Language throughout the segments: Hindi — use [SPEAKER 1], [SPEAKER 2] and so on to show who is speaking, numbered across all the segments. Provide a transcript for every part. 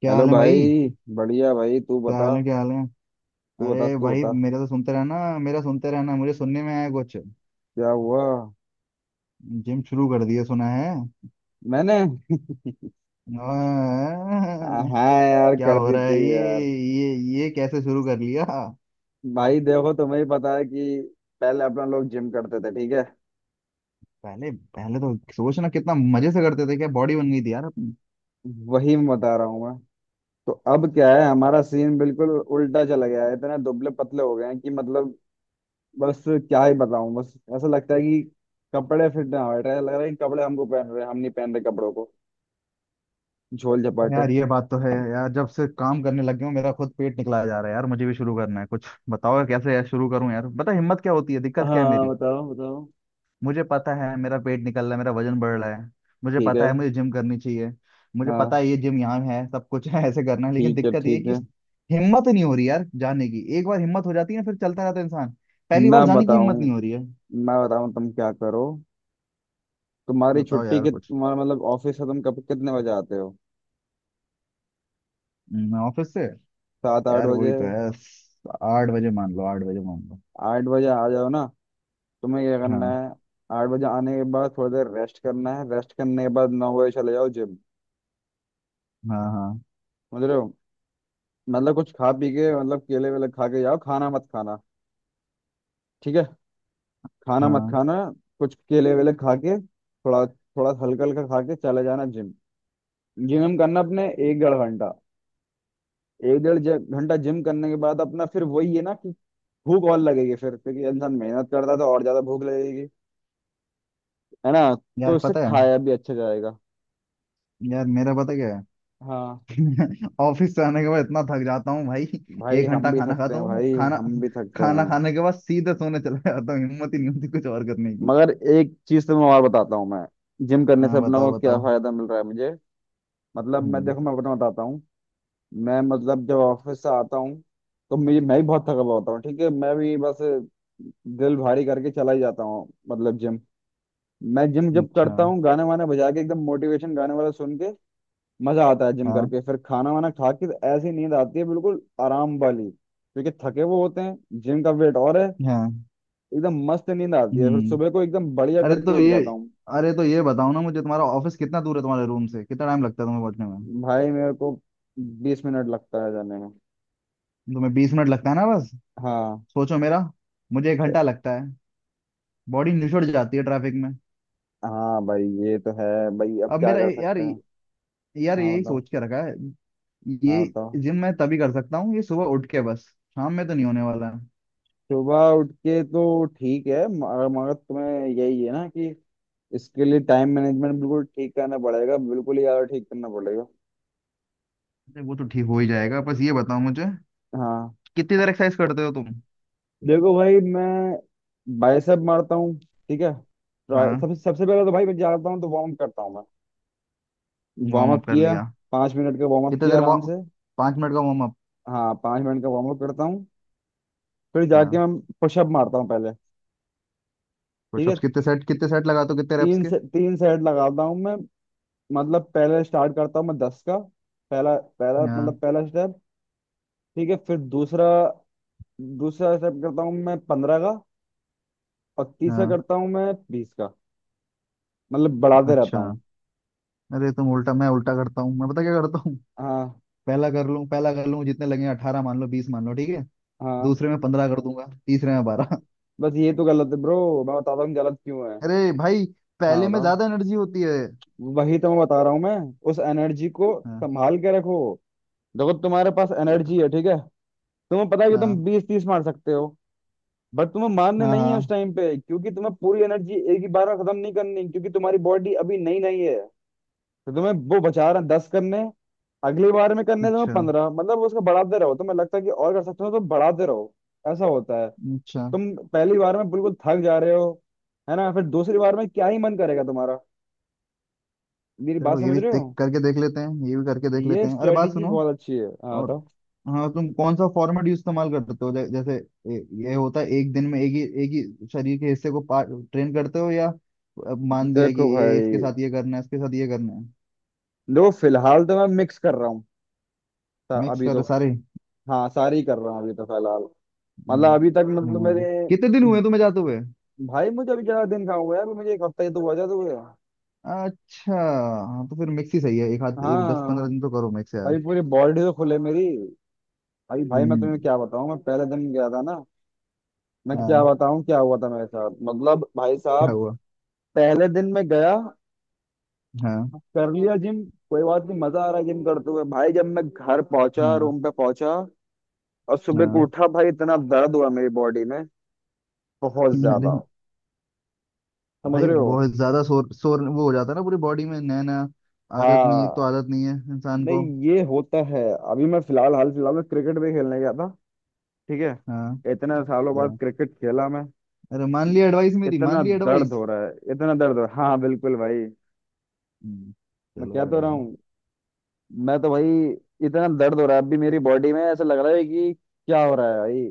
[SPEAKER 1] क्या
[SPEAKER 2] हेलो
[SPEAKER 1] हाल है भाई।
[SPEAKER 2] भाई। बढ़िया भाई तू
[SPEAKER 1] क्या
[SPEAKER 2] बता।
[SPEAKER 1] हाल है क्या हाल है।
[SPEAKER 2] तू बता
[SPEAKER 1] अरे
[SPEAKER 2] तू
[SPEAKER 1] भाई
[SPEAKER 2] बता।
[SPEAKER 1] मेरा तो सुनते रहना। मेरा सुनते रहना, मुझे सुनने में आया कुछ
[SPEAKER 2] क्या हुआ?
[SPEAKER 1] जिम शुरू कर दिया सुना है।
[SPEAKER 2] मैंने।
[SPEAKER 1] आह,
[SPEAKER 2] हाँ यार
[SPEAKER 1] क्या
[SPEAKER 2] कर
[SPEAKER 1] हो
[SPEAKER 2] दी
[SPEAKER 1] रहा है
[SPEAKER 2] थी
[SPEAKER 1] ये।
[SPEAKER 2] यार।
[SPEAKER 1] ये ये कैसे शुरू कर लिया।
[SPEAKER 2] भाई देखो, तुम्हें ही पता है कि पहले अपना लोग जिम करते थे, ठीक है।
[SPEAKER 1] पहले पहले तो सोचना कितना मजे से करते थे, क्या बॉडी बन गई थी यार अपनी।
[SPEAKER 2] वही मैं बता रहा हूँ मैं। तो अब क्या है, हमारा सीन बिल्कुल उल्टा चला गया है, इतने दुबले पतले हो गए हैं कि मतलब बस क्या ही बताऊं, बस ऐसा लगता है कि कपड़े फिट ना हो रहे हैं। लग रहा है कि कपड़े हमको पहन रहे हैं, हम नहीं पहन रहे कपड़ों को। झोल झपाटे।
[SPEAKER 1] यार ये बात तो है यार, जब से काम करने लग गया हूं मेरा खुद पेट निकला जा रहा है यार। मुझे भी शुरू करना है, कुछ बताओ यार, कैसे यार शुरू करूं यार, बता हिम्मत क्या होती है, दिक्कत क्या है
[SPEAKER 2] हाँ
[SPEAKER 1] मेरी।
[SPEAKER 2] बताओ बताओ।
[SPEAKER 1] मुझे पता है मेरा पेट निकल रहा है, मेरा वजन बढ़ रहा है। मुझे
[SPEAKER 2] ठीक है।
[SPEAKER 1] पता है मुझे जिम करनी चाहिए। मुझे पता
[SPEAKER 2] हाँ,
[SPEAKER 1] है ये जिम यहाँ है, सब कुछ है ऐसे करना है, लेकिन
[SPEAKER 2] ठीक है
[SPEAKER 1] दिक्कत ये है
[SPEAKER 2] ठीक
[SPEAKER 1] कि
[SPEAKER 2] है।
[SPEAKER 1] हिम्मत नहीं हो रही यार जाने की। एक बार हिम्मत हो जाती है फिर चलता रहता है इंसान। पहली
[SPEAKER 2] मैं
[SPEAKER 1] बार जाने की हिम्मत
[SPEAKER 2] बताऊं,
[SPEAKER 1] नहीं हो रही है।
[SPEAKER 2] मैं बताऊं तुम क्या करो। तुम्हारी
[SPEAKER 1] बताओ
[SPEAKER 2] छुट्टी
[SPEAKER 1] यार
[SPEAKER 2] कित
[SPEAKER 1] कुछ।
[SPEAKER 2] तुम्हारा मतलब ऑफिस से तुम कब कितने बजे आते हो?
[SPEAKER 1] ऑफिस से
[SPEAKER 2] सात आठ
[SPEAKER 1] यार वही
[SPEAKER 2] बजे
[SPEAKER 1] तो है। 8 बजे मान लो, 8 बजे मान लो।
[SPEAKER 2] 8 बजे आ जाओ ना। तुम्हें क्या करना
[SPEAKER 1] हाँ
[SPEAKER 2] है? 8 बजे आने के बाद थोड़ी देर रेस्ट करना है, रेस्ट करने के बाद 9 बजे चले जाओ जिम।
[SPEAKER 1] हाँ हाँ।
[SPEAKER 2] समझ रहे हो? मतलब कुछ खा पी के, मतलब केले वेले खा के जाओ, खाना मत खाना। ठीक है। खाना मत
[SPEAKER 1] हाँ
[SPEAKER 2] खाना। कुछ केले वेले खा के थोड़ा, थोड़ा हल्का हल्का खा के चले जाना जिम। जिम करना अपने एक डेढ़ घंटा। एक डेढ़ घंटा जिम करने के बाद अपना फिर वही है ना, भूख और लगेगी फिर, क्योंकि इंसान मेहनत करता है तो और ज्यादा भूख लगेगी, है ना। तो
[SPEAKER 1] यार
[SPEAKER 2] इससे
[SPEAKER 1] पता है।
[SPEAKER 2] खाया भी अच्छा जाएगा।
[SPEAKER 1] यार मेरा पता क्या है।
[SPEAKER 2] हाँ
[SPEAKER 1] ऑफिस से आने के बाद इतना थक जाता हूँ भाई।
[SPEAKER 2] भाई
[SPEAKER 1] एक
[SPEAKER 2] हम
[SPEAKER 1] घंटा
[SPEAKER 2] भी
[SPEAKER 1] खाना
[SPEAKER 2] थकते
[SPEAKER 1] खाता
[SPEAKER 2] हैं
[SPEAKER 1] हूँ।
[SPEAKER 2] भाई,
[SPEAKER 1] खाना
[SPEAKER 2] हम भी थकते
[SPEAKER 1] खाना
[SPEAKER 2] हैं।
[SPEAKER 1] खाने के बाद सीधे सोने चला जाता हूँ, हिम्मत ही नहीं होती कुछ और करने की।
[SPEAKER 2] मगर एक चीज तो मैं और बताता हूँ मैं। जिम करने से
[SPEAKER 1] हाँ
[SPEAKER 2] अपना को
[SPEAKER 1] बताओ
[SPEAKER 2] क्या
[SPEAKER 1] बताओ।
[SPEAKER 2] फायदा मिल रहा है मुझे, मतलब मैं
[SPEAKER 1] हम्म।
[SPEAKER 2] देखो मैं अपना बताता हूँ। मैं मतलब जब ऑफिस से आता हूँ तो मुझे, मैं भी बहुत थका हुआ होता हूँ, ठीक है। मैं भी बस दिल भारी करके चला ही जाता हूँ, मतलब जिम। मैं जिम जब
[SPEAKER 1] अच्छा।
[SPEAKER 2] करता हूँ, गाने वाने बजा के एकदम मोटिवेशन गाने वाला सुन के, मजा आता है जिम
[SPEAKER 1] हाँ
[SPEAKER 2] करके। फिर खाना वाना खा के ऐसी नींद आती है बिल्कुल आराम वाली, क्योंकि थके वो होते हैं, जिम का वेट और है।
[SPEAKER 1] हाँ।
[SPEAKER 2] एकदम मस्त नींद आती है, फिर
[SPEAKER 1] हम्म।
[SPEAKER 2] सुबह को एकदम बढ़िया
[SPEAKER 1] अरे
[SPEAKER 2] करके
[SPEAKER 1] तो
[SPEAKER 2] उठ
[SPEAKER 1] ये
[SPEAKER 2] जाता हूँ।
[SPEAKER 1] अरे तो ये बताओ ना मुझे, तुम्हारा ऑफिस कितना दूर है तुम्हारे रूम से, कितना टाइम लगता है तुम्हें पहुंचने में।
[SPEAKER 2] भाई मेरे को 20 मिनट लगता है जाने में।
[SPEAKER 1] तुम्हें 20 मिनट लगता है ना बस।
[SPEAKER 2] हाँ।
[SPEAKER 1] सोचो मेरा, मुझे 1 घंटा लगता है। बॉडी निचुड़ जाती है ट्रैफिक में।
[SPEAKER 2] हाँ भाई ये तो है। भाई अब
[SPEAKER 1] अब
[SPEAKER 2] क्या
[SPEAKER 1] मेरा
[SPEAKER 2] कर
[SPEAKER 1] यार,
[SPEAKER 2] सकते हैं?
[SPEAKER 1] यार
[SPEAKER 2] हाँ
[SPEAKER 1] यही
[SPEAKER 2] बताओ।
[SPEAKER 1] सोच के रखा है
[SPEAKER 2] हाँ
[SPEAKER 1] ये,
[SPEAKER 2] बताओ।
[SPEAKER 1] जिम मैं तभी कर सकता हूँ ये, सुबह उठ के बस। शाम में तो नहीं होने वाला।
[SPEAKER 2] सुबह उठ के तो ठीक है, मगर मगर तुम्हें यही है ना कि इसके लिए टाइम मैनेजमेंट बिल्कुल ठीक करना पड़ेगा, बिल्कुल ही ज्यादा ठीक करना पड़ेगा।
[SPEAKER 1] अरे वो तो ठीक हो ही जाएगा, बस ये बताओ मुझे,
[SPEAKER 2] हाँ।
[SPEAKER 1] कितनी देर एक्सरसाइज करते हो तुम।
[SPEAKER 2] देखो भाई मैं बाइसेप मारता हूँ, ठीक है। ट्राई
[SPEAKER 1] हाँ
[SPEAKER 2] सबसे सबसे पहले तो भाई मैं जाता हूँ तो वार्म अप करता हूँ मैं। वार्म
[SPEAKER 1] वार्म
[SPEAKER 2] अप
[SPEAKER 1] अप कर
[SPEAKER 2] किया।
[SPEAKER 1] लिया।
[SPEAKER 2] 5 मिनट का वार्म अप
[SPEAKER 1] कितने
[SPEAKER 2] किया
[SPEAKER 1] देर
[SPEAKER 2] आराम
[SPEAKER 1] वार्म,
[SPEAKER 2] से।
[SPEAKER 1] 5 मिनट का वार्म अप।
[SPEAKER 2] हाँ, पाँच मिनट का वार्म अप करता हूँ, फिर जाके
[SPEAKER 1] हाँ
[SPEAKER 2] मैं पुशअप मारता हूँ पहले। ठीक है।
[SPEAKER 1] पुशअप्स कितने सेट, कितने सेट लगाते हो, कितने रेप्स
[SPEAKER 2] तीन
[SPEAKER 1] के।
[SPEAKER 2] से तीन सेट लगाता हूँ मैं। मतलब पहले स्टार्ट करता हूँ मैं 10 का, पहला पहला
[SPEAKER 1] हाँ
[SPEAKER 2] मतलब पहला स्टेप। ठीक है, फिर दूसरा, दूसरा स्टेप करता हूँ मैं 15 का, और तीसरा
[SPEAKER 1] हाँ।
[SPEAKER 2] करता हूँ मैं 20 का, मतलब बढ़ाते रहता
[SPEAKER 1] अच्छा।
[SPEAKER 2] हूँ।
[SPEAKER 1] अरे तुम उल्टा, मैं उल्टा करता हूँ, मैं पता क्या करता हूँ,
[SPEAKER 2] हाँ।
[SPEAKER 1] पहला कर लूँ, पहला कर लूँ जितने लगे, 18 मान लो, 20 मान लो, ठीक है।
[SPEAKER 2] हाँ,
[SPEAKER 1] दूसरे में 15 कर दूंगा, तीसरे में 12।
[SPEAKER 2] बस ये तो गलत है ब्रो, मैं बताता हूँ गलत क्यों है।
[SPEAKER 1] अरे भाई
[SPEAKER 2] हाँ
[SPEAKER 1] पहले में
[SPEAKER 2] बताओ।
[SPEAKER 1] ज्यादा एनर्जी होती है।
[SPEAKER 2] वही तो मैं बता रहा हूँ मैं। उस एनर्जी को
[SPEAKER 1] हाँ।
[SPEAKER 2] संभाल के रखो। देखो तुम्हारे पास
[SPEAKER 1] अरे प-
[SPEAKER 2] एनर्जी है, ठीक है। तुम्हें पता है कि तुम
[SPEAKER 1] हाँ
[SPEAKER 2] 20 30 मार सकते हो, बट तुम्हें मारने
[SPEAKER 1] हाँ
[SPEAKER 2] नहीं है उस
[SPEAKER 1] हाँ।
[SPEAKER 2] टाइम पे, क्योंकि तुम्हें पूरी एनर्जी एक ही बार में खत्म नहीं करनी, क्योंकि तुम्हारी बॉडी अभी नई नई है। तो तुम्हें वो बचा रहे 10 करने, अगली बार में करने तुम्हें
[SPEAKER 1] अच्छा
[SPEAKER 2] 15, मतलब उसको बढ़ाते रहो, तुम्हें लगता है कि और कर सकते हो तो बढ़ाते रहो। ऐसा होता है।
[SPEAKER 1] अच्छा।
[SPEAKER 2] तुम पहली बार में बिल्कुल थक जा रहे हो, है ना। फिर दूसरी बार में क्या ही मन करेगा तुम्हारा? मेरी बात
[SPEAKER 1] चलो ये
[SPEAKER 2] समझ
[SPEAKER 1] भी
[SPEAKER 2] रहे
[SPEAKER 1] देख
[SPEAKER 2] हो?
[SPEAKER 1] करके देख लेते हैं, ये भी करके देख
[SPEAKER 2] ये
[SPEAKER 1] लेते हैं। अरे बात
[SPEAKER 2] स्ट्रेटेजी
[SPEAKER 1] सुनो
[SPEAKER 2] बहुत अच्छी है। हाँ
[SPEAKER 1] और,
[SPEAKER 2] बताओ।
[SPEAKER 1] हाँ तुम कौन सा फॉर्मेट यूज इस्तेमाल करते हो, जैसे ये होता है एक दिन में एक ही, एक ही शरीर के हिस्से को ट्रेन करते हो, या अब मान लिया कि
[SPEAKER 2] देखो
[SPEAKER 1] ये
[SPEAKER 2] भाई,
[SPEAKER 1] इसके साथ ये करना है, इसके साथ ये करना है।
[SPEAKER 2] देखो फिलहाल तो मैं मिक्स कर रहा हूँ।
[SPEAKER 1] मिक्स
[SPEAKER 2] अभी तो।
[SPEAKER 1] कर सारे।
[SPEAKER 2] हाँ सारी कर रहा हूँ अभी तो फिलहाल। मतलब
[SPEAKER 1] हम्म,
[SPEAKER 2] अभी तक मतलब
[SPEAKER 1] हाँ।
[SPEAKER 2] मेरे।
[SPEAKER 1] कितने दिन हुए तुम्हें जाते हुए।
[SPEAKER 2] भाई मुझे अभी ज्यादा दिन कहाँ हुआ यार, मुझे एक हफ्ता ही तो हुआ, ज्यादा हुआ।
[SPEAKER 1] अच्छा हाँ तो फिर मिक्स ही सही है, एक हाथ एक दस
[SPEAKER 2] हाँ।
[SPEAKER 1] पंद्रह दिन तो करो मिक्स यार।
[SPEAKER 2] भाई पूरी बॉडी तो खुले मेरी। अभी भाई मैं
[SPEAKER 1] हम्म।
[SPEAKER 2] तुम्हें क्या बताऊँ, मैं पहले दिन गया था ना, मैं क्या
[SPEAKER 1] हाँ
[SPEAKER 2] बताऊँ क्या हुआ था मेरे साथ, मतलब भाई
[SPEAKER 1] क्या
[SPEAKER 2] साहब।
[SPEAKER 1] हुआ।
[SPEAKER 2] पहले दिन मैं गया,
[SPEAKER 1] हाँ
[SPEAKER 2] कर लिया जिम, कोई बात नहीं, मजा आ रहा है जिम करते हुए। भाई जब मैं घर पहुंचा,
[SPEAKER 1] हाँ
[SPEAKER 2] रूम पे पहुंचा, और सुबह को
[SPEAKER 1] हाँ।
[SPEAKER 2] उठा, भाई इतना दर्द हुआ मेरी बॉडी में, बहुत
[SPEAKER 1] अरे
[SPEAKER 2] ज्यादा। समझ
[SPEAKER 1] भाई
[SPEAKER 2] रहे हो?
[SPEAKER 1] बहुत ज्यादा शोर शोर वो हो जाता है ना पूरी बॉडी में, नया नया आदत नहीं है, एक तो
[SPEAKER 2] हाँ।
[SPEAKER 1] आदत नहीं है इंसान को।
[SPEAKER 2] नहीं, ये होता है। अभी मैं फिलहाल, हाल फिलहाल में क्रिकेट भी खेलने गया था, ठीक है।
[SPEAKER 1] हाँ
[SPEAKER 2] इतने सालों बाद
[SPEAKER 1] हाँ।
[SPEAKER 2] क्रिकेट खेला मैं।
[SPEAKER 1] अरे मान ली एडवाइस मेरी, मान
[SPEAKER 2] इतना
[SPEAKER 1] ली
[SPEAKER 2] दर्द
[SPEAKER 1] एडवाइस।
[SPEAKER 2] हो रहा है, इतना दर्द हो रहा है हाँ, बिल्कुल भाई।
[SPEAKER 1] हम्म,
[SPEAKER 2] मैं
[SPEAKER 1] चलो
[SPEAKER 2] कह तो रहा
[SPEAKER 1] बढ़िया।
[SPEAKER 2] हूँ मैं तो भाई, इतना दर्द हो रहा है अभी मेरी बॉडी में, ऐसा लग रहा है कि क्या हो रहा है भाई।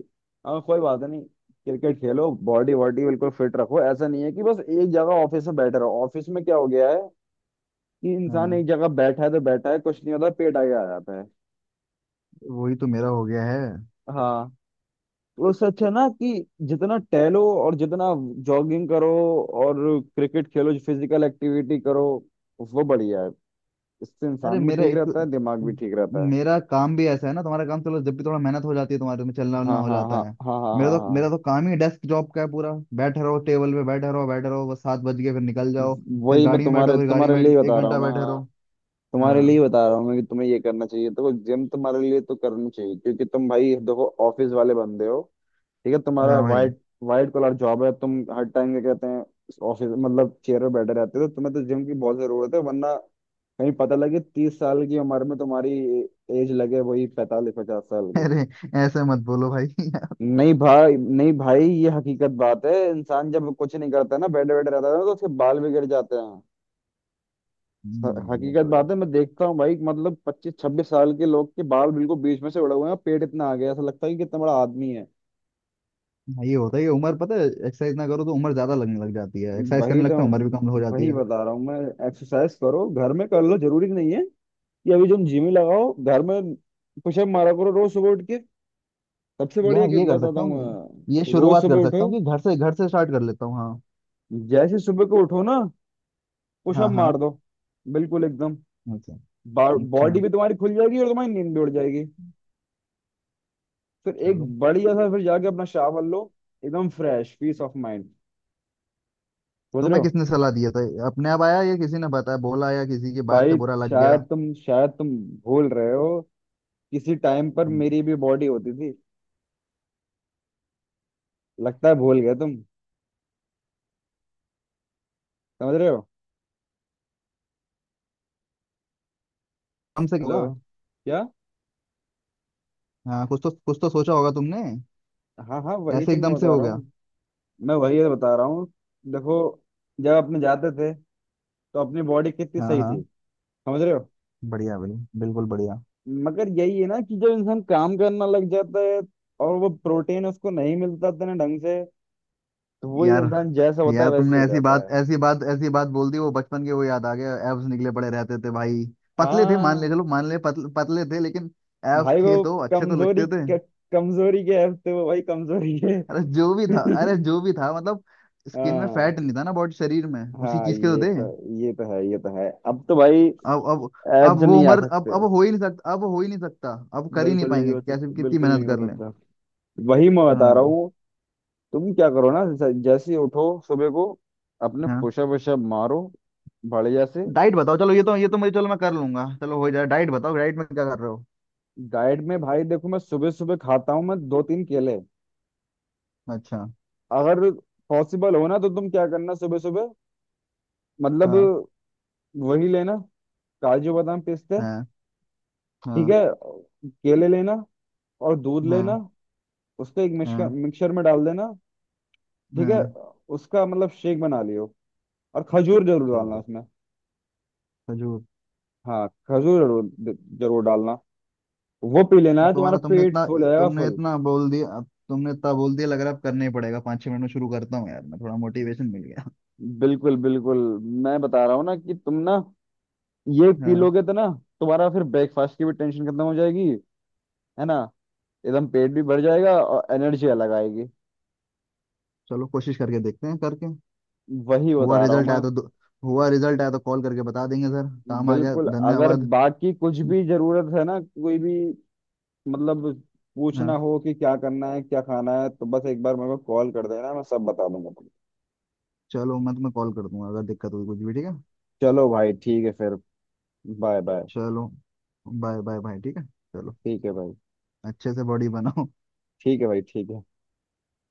[SPEAKER 2] हाँ कोई बात नहीं, क्रिकेट खेलो, बॉडी वॉडी बिल्कुल फिट रखो। ऐसा नहीं है कि बस एक जगह ऑफिस में बैठे रहो। ऑफिस में क्या हो गया है कि इंसान एक
[SPEAKER 1] हाँ
[SPEAKER 2] जगह बैठा है तो बैठा है, कुछ नहीं होता, पेट आगे आ जाता है।
[SPEAKER 1] वही तो मेरा हो गया है।
[SPEAKER 2] हाँ। तो उससे अच्छा ना कि जितना टहलो और जितना जॉगिंग करो और क्रिकेट खेलो, फिजिकल एक्टिविटी करो, वो बढ़िया है। इससे
[SPEAKER 1] अरे
[SPEAKER 2] इंसान भी
[SPEAKER 1] मेरा
[SPEAKER 2] ठीक
[SPEAKER 1] एक,
[SPEAKER 2] रहता है, दिमाग भी ठीक रहता है।
[SPEAKER 1] मेरा काम भी ऐसा है ना, तुम्हारा काम चलो, जब भी थोड़ा मेहनत हो जाती है तुम्हारे में, चलना
[SPEAKER 2] हाँ
[SPEAKER 1] वलना हो
[SPEAKER 2] हाँ
[SPEAKER 1] जाता
[SPEAKER 2] हाँ हाँ
[SPEAKER 1] है।
[SPEAKER 2] हाँ हाँ
[SPEAKER 1] मेरा तो
[SPEAKER 2] हाँ।
[SPEAKER 1] मेरा तो काम ही डेस्क जॉब का है पूरा। बैठे रहो टेबल पे, बैठे रहो बैठे रहो, बस 7 बज गए फिर निकल जाओ। फिर
[SPEAKER 2] वही मैं
[SPEAKER 1] गाड़ी में
[SPEAKER 2] तुम्हारे
[SPEAKER 1] बैठो, फिर गाड़ी
[SPEAKER 2] तुम्हारे
[SPEAKER 1] में
[SPEAKER 2] लिए
[SPEAKER 1] बैठ
[SPEAKER 2] ही
[SPEAKER 1] के एक
[SPEAKER 2] बता रहा हूँ
[SPEAKER 1] घंटा
[SPEAKER 2] मैं।
[SPEAKER 1] बैठे
[SPEAKER 2] हाँ,
[SPEAKER 1] रहो।
[SPEAKER 2] तुम्हारे लिए ही
[SPEAKER 1] हाँ
[SPEAKER 2] बता रहा हूँ मैं कि तुम्हें ये करना चाहिए। देखो जिम तुम्हारे लिए तो करनी चाहिए, क्योंकि तुम भाई देखो ऑफिस वाले बंदे हो, ठीक है। तुम्हारा
[SPEAKER 1] हाँ भाई।
[SPEAKER 2] वाइट, वाइट कॉलर जॉब है। तुम हर टाइम क्या कहते हैं, ऑफिस मतलब चेयर पे बैठे रहते हो, तो तुम्हें तो जिम की बहुत जरूरत है, वरना कहीं पता लगे 30 साल की उम्र में तुम्हारी एज लगे वही 45 50 साल की।
[SPEAKER 1] अरे ऐसे मत बोलो भाई।
[SPEAKER 2] नहीं भाई नहीं भाई, ये हकीकत बात है। इंसान जब कुछ नहीं करता ना, बैठे बैठे रहता है ना, तो उसके बाल भी गिर जाते हैं।
[SPEAKER 1] वो
[SPEAKER 2] हकीकत
[SPEAKER 1] तो है।
[SPEAKER 2] बात है, मैं देखता हूँ भाई, मतलब 25 26 साल के लोग के बाल बिल्कुल बीच में से उड़े हुए हैं, पेट इतना आ गया है, ऐसा लगता है कि कितना बड़ा आदमी है।
[SPEAKER 1] हाँ, ये होता है कि उम्र पता है, एक्सरसाइज ना करो तो उम्र ज्यादा लगने लग जाती है, एक्सरसाइज
[SPEAKER 2] वही
[SPEAKER 1] करने
[SPEAKER 2] तो,
[SPEAKER 1] लगता है उम्र भी कम हो जाती
[SPEAKER 2] वही
[SPEAKER 1] है।
[SPEAKER 2] बता रहा हूँ मैं। एक्सरसाइज करो घर में कर लो, जरूरी नहीं है कि अभी तुम जिम ही लगाओ। घर में पुशअप मारा करो रोज सुबह उठ के। सबसे बढ़िया
[SPEAKER 1] यार
[SPEAKER 2] कि
[SPEAKER 1] ये कर
[SPEAKER 2] बताता
[SPEAKER 1] सकता
[SPEAKER 2] हूँ
[SPEAKER 1] हूँ, ये
[SPEAKER 2] मैं, रोज
[SPEAKER 1] शुरुआत
[SPEAKER 2] सुबह
[SPEAKER 1] कर
[SPEAKER 2] उठो,
[SPEAKER 1] सकता हूँ कि घर से, घर से स्टार्ट कर लेता हूँ। हाँ
[SPEAKER 2] जैसे सुबह को उठो ना,
[SPEAKER 1] हाँ
[SPEAKER 2] पुशअप
[SPEAKER 1] हाँ।
[SPEAKER 2] मार दो बिल्कुल एकदम।
[SPEAKER 1] अच्छा अच्छा।
[SPEAKER 2] बॉडी भी तुम्हारी खुल जाएगी और तुम्हारी नींद भी उड़ जाएगी। फिर एक
[SPEAKER 1] चलो
[SPEAKER 2] बढ़िया सा, फिर जाके अपना शावर लो, एकदम फ्रेश, पीस ऑफ माइंड। समझ रहे
[SPEAKER 1] तुम्हें
[SPEAKER 2] हो?
[SPEAKER 1] किसने सलाह दिया था, अपने आप आया या किसी ने बताया बोला या किसी की बात से
[SPEAKER 2] भाई
[SPEAKER 1] बुरा लग गया।
[SPEAKER 2] शायद तुम भूल रहे हो, किसी टाइम पर
[SPEAKER 1] हम्म,
[SPEAKER 2] मेरी भी बॉडी होती थी। लगता है भूल गए तुम। समझ रहे हो?
[SPEAKER 1] एकदम से
[SPEAKER 2] हेलो?
[SPEAKER 1] होगा।
[SPEAKER 2] क्या?
[SPEAKER 1] हाँ कुछ तो सोचा होगा तुमने,
[SPEAKER 2] हाँ हाँ वही
[SPEAKER 1] कैसे
[SPEAKER 2] तो मैं
[SPEAKER 1] एकदम से
[SPEAKER 2] बता
[SPEAKER 1] हो
[SPEAKER 2] रहा
[SPEAKER 1] गया।
[SPEAKER 2] हूँ, मैं वही तो बता रहा हूँ। देखो जब अपने जाते थे, तो अपनी बॉडी कितनी
[SPEAKER 1] हाँ
[SPEAKER 2] सही थी।
[SPEAKER 1] हाँ
[SPEAKER 2] समझ रहे हो?
[SPEAKER 1] बढ़िया बढ़िया बिल्कुल बढ़िया।
[SPEAKER 2] मगर यही है ना कि जब इंसान काम करना लग जाता है और वो प्रोटीन उसको नहीं मिलता इतने ढंग से, तो वही
[SPEAKER 1] यार
[SPEAKER 2] इंसान जैसा होता है
[SPEAKER 1] यार
[SPEAKER 2] वैसे
[SPEAKER 1] तुमने
[SPEAKER 2] ही हो
[SPEAKER 1] ऐसी
[SPEAKER 2] जाता
[SPEAKER 1] बात,
[SPEAKER 2] है।
[SPEAKER 1] ऐसी बात ऐसी बात बोल दी, वो बचपन के वो याद आ गया, एब्स निकले पड़े रहते थे भाई। पतले थे मान ले,
[SPEAKER 2] हाँ
[SPEAKER 1] चलो मान ले, पतले पतले थे लेकिन एब्स
[SPEAKER 2] भाई वो
[SPEAKER 1] थे तो अच्छे तो
[SPEAKER 2] कमजोरी
[SPEAKER 1] लगते थे।
[SPEAKER 2] कमजोरी के हफ्ते वो भाई कमजोरी है।
[SPEAKER 1] अरे जो भी था, अरे जो भी था मतलब स्किन में
[SPEAKER 2] हाँ
[SPEAKER 1] फैट नहीं था ना बॉडी, शरीर में उसी
[SPEAKER 2] हाँ
[SPEAKER 1] चीज के तो
[SPEAKER 2] ये
[SPEAKER 1] थे।
[SPEAKER 2] तो, ये तो है, ये तो है अब तो भाई,
[SPEAKER 1] अब अब
[SPEAKER 2] एब्स
[SPEAKER 1] वो
[SPEAKER 2] नहीं आ
[SPEAKER 1] उम्र, अब
[SPEAKER 2] सकते।
[SPEAKER 1] अब हो ही नहीं सकता, अब हो ही नहीं सकता। अब कर ही नहीं
[SPEAKER 2] बिल्कुल नहीं
[SPEAKER 1] पाएंगे
[SPEAKER 2] हो
[SPEAKER 1] कैसे भी,
[SPEAKER 2] सकते,
[SPEAKER 1] कितनी
[SPEAKER 2] बिल्कुल नहीं
[SPEAKER 1] मेहनत
[SPEAKER 2] हो
[SPEAKER 1] कर लें।
[SPEAKER 2] सकता। वही मैं बता रहा
[SPEAKER 1] हाँ
[SPEAKER 2] हूँ। तुम क्या करो ना, जैसे जैसे ही उठो सुबह को, अपने
[SPEAKER 1] हाँ।
[SPEAKER 2] पुशअप वुशअप मारो बढ़िया से।
[SPEAKER 1] डाइट बताओ, चलो ये तो मुझे, चलो मैं कर लूंगा, चलो हो जाए, डाइट बताओ, डाइट में क्या कर रहे हो।
[SPEAKER 2] डाइट में भाई देखो, मैं सुबह सुबह खाता हूँ मैं दो तीन केले।
[SPEAKER 1] अच्छा
[SPEAKER 2] अगर पॉसिबल हो ना, तो तुम क्या करना सुबह सुबह, मतलब
[SPEAKER 1] हाँ
[SPEAKER 2] वही लेना, काजू बादाम पिस्ते,
[SPEAKER 1] हाँ
[SPEAKER 2] ठीक
[SPEAKER 1] हाँ
[SPEAKER 2] है, केले लेना और दूध लेना,
[SPEAKER 1] हाँ
[SPEAKER 2] उसको एक मिक्सचर
[SPEAKER 1] हाँ
[SPEAKER 2] मिक्सचर में डाल देना, ठीक है,
[SPEAKER 1] हाँ।
[SPEAKER 2] उसका मतलब शेक बना लियो। और खजूर जरूर डालना
[SPEAKER 1] चलो
[SPEAKER 2] उसमें।
[SPEAKER 1] खजूर।
[SPEAKER 2] हाँ खजूर जरूर, जरूर डालना। वो पी लेना
[SPEAKER 1] अब
[SPEAKER 2] है, तुम्हारा
[SPEAKER 1] तुम्हारा तुमने
[SPEAKER 2] पेट
[SPEAKER 1] इतना,
[SPEAKER 2] फुल हो जाएगा,
[SPEAKER 1] तुमने
[SPEAKER 2] फुल।
[SPEAKER 1] इतना बोल दिया, अब तुमने इतना बोल दिया, लग रहा है अब करना ही पड़ेगा। 5 6 मिनट में शुरू करता हूँ यार मैं, थोड़ा मोटिवेशन मिल गया।
[SPEAKER 2] बिल्कुल बिल्कुल, मैं बता रहा हूँ ना कि तुम ना ये पी
[SPEAKER 1] हाँ
[SPEAKER 2] लोगे तो ना तुम्हारा फिर ब्रेकफास्ट की भी टेंशन खत्म हो जाएगी, है ना। एकदम पेट भी भर जाएगा और एनर्जी अलग आएगी।
[SPEAKER 1] चलो कोशिश करके देखते हैं करके।
[SPEAKER 2] वही
[SPEAKER 1] हुआ
[SPEAKER 2] बता रहा हूँ
[SPEAKER 1] रिजल्ट
[SPEAKER 2] मैं।
[SPEAKER 1] आया तो दो- हुआ रिजल्ट आया तो कॉल करके बता देंगे सर, काम आ गया,
[SPEAKER 2] बिल्कुल, अगर
[SPEAKER 1] धन्यवाद।
[SPEAKER 2] बाकी कुछ भी जरूरत है ना, कोई भी मतलब पूछना
[SPEAKER 1] हाँ
[SPEAKER 2] हो कि क्या करना है क्या खाना है, तो बस एक बार मेरे को कॉल कर देना, मैं सब बता दूंगा तुमको।
[SPEAKER 1] चलो मैं तुम्हें कॉल कर दूंगा अगर दिक्कत हुई कुछ भी, ठीक है।
[SPEAKER 2] चलो भाई ठीक है फिर। Bye bye.
[SPEAKER 1] चलो बाय बाय बाय, ठीक है चलो।
[SPEAKER 2] ठीक है भाई
[SPEAKER 1] अच्छे से बॉडी बनाओ।
[SPEAKER 2] ठीक है भाई ठीक है।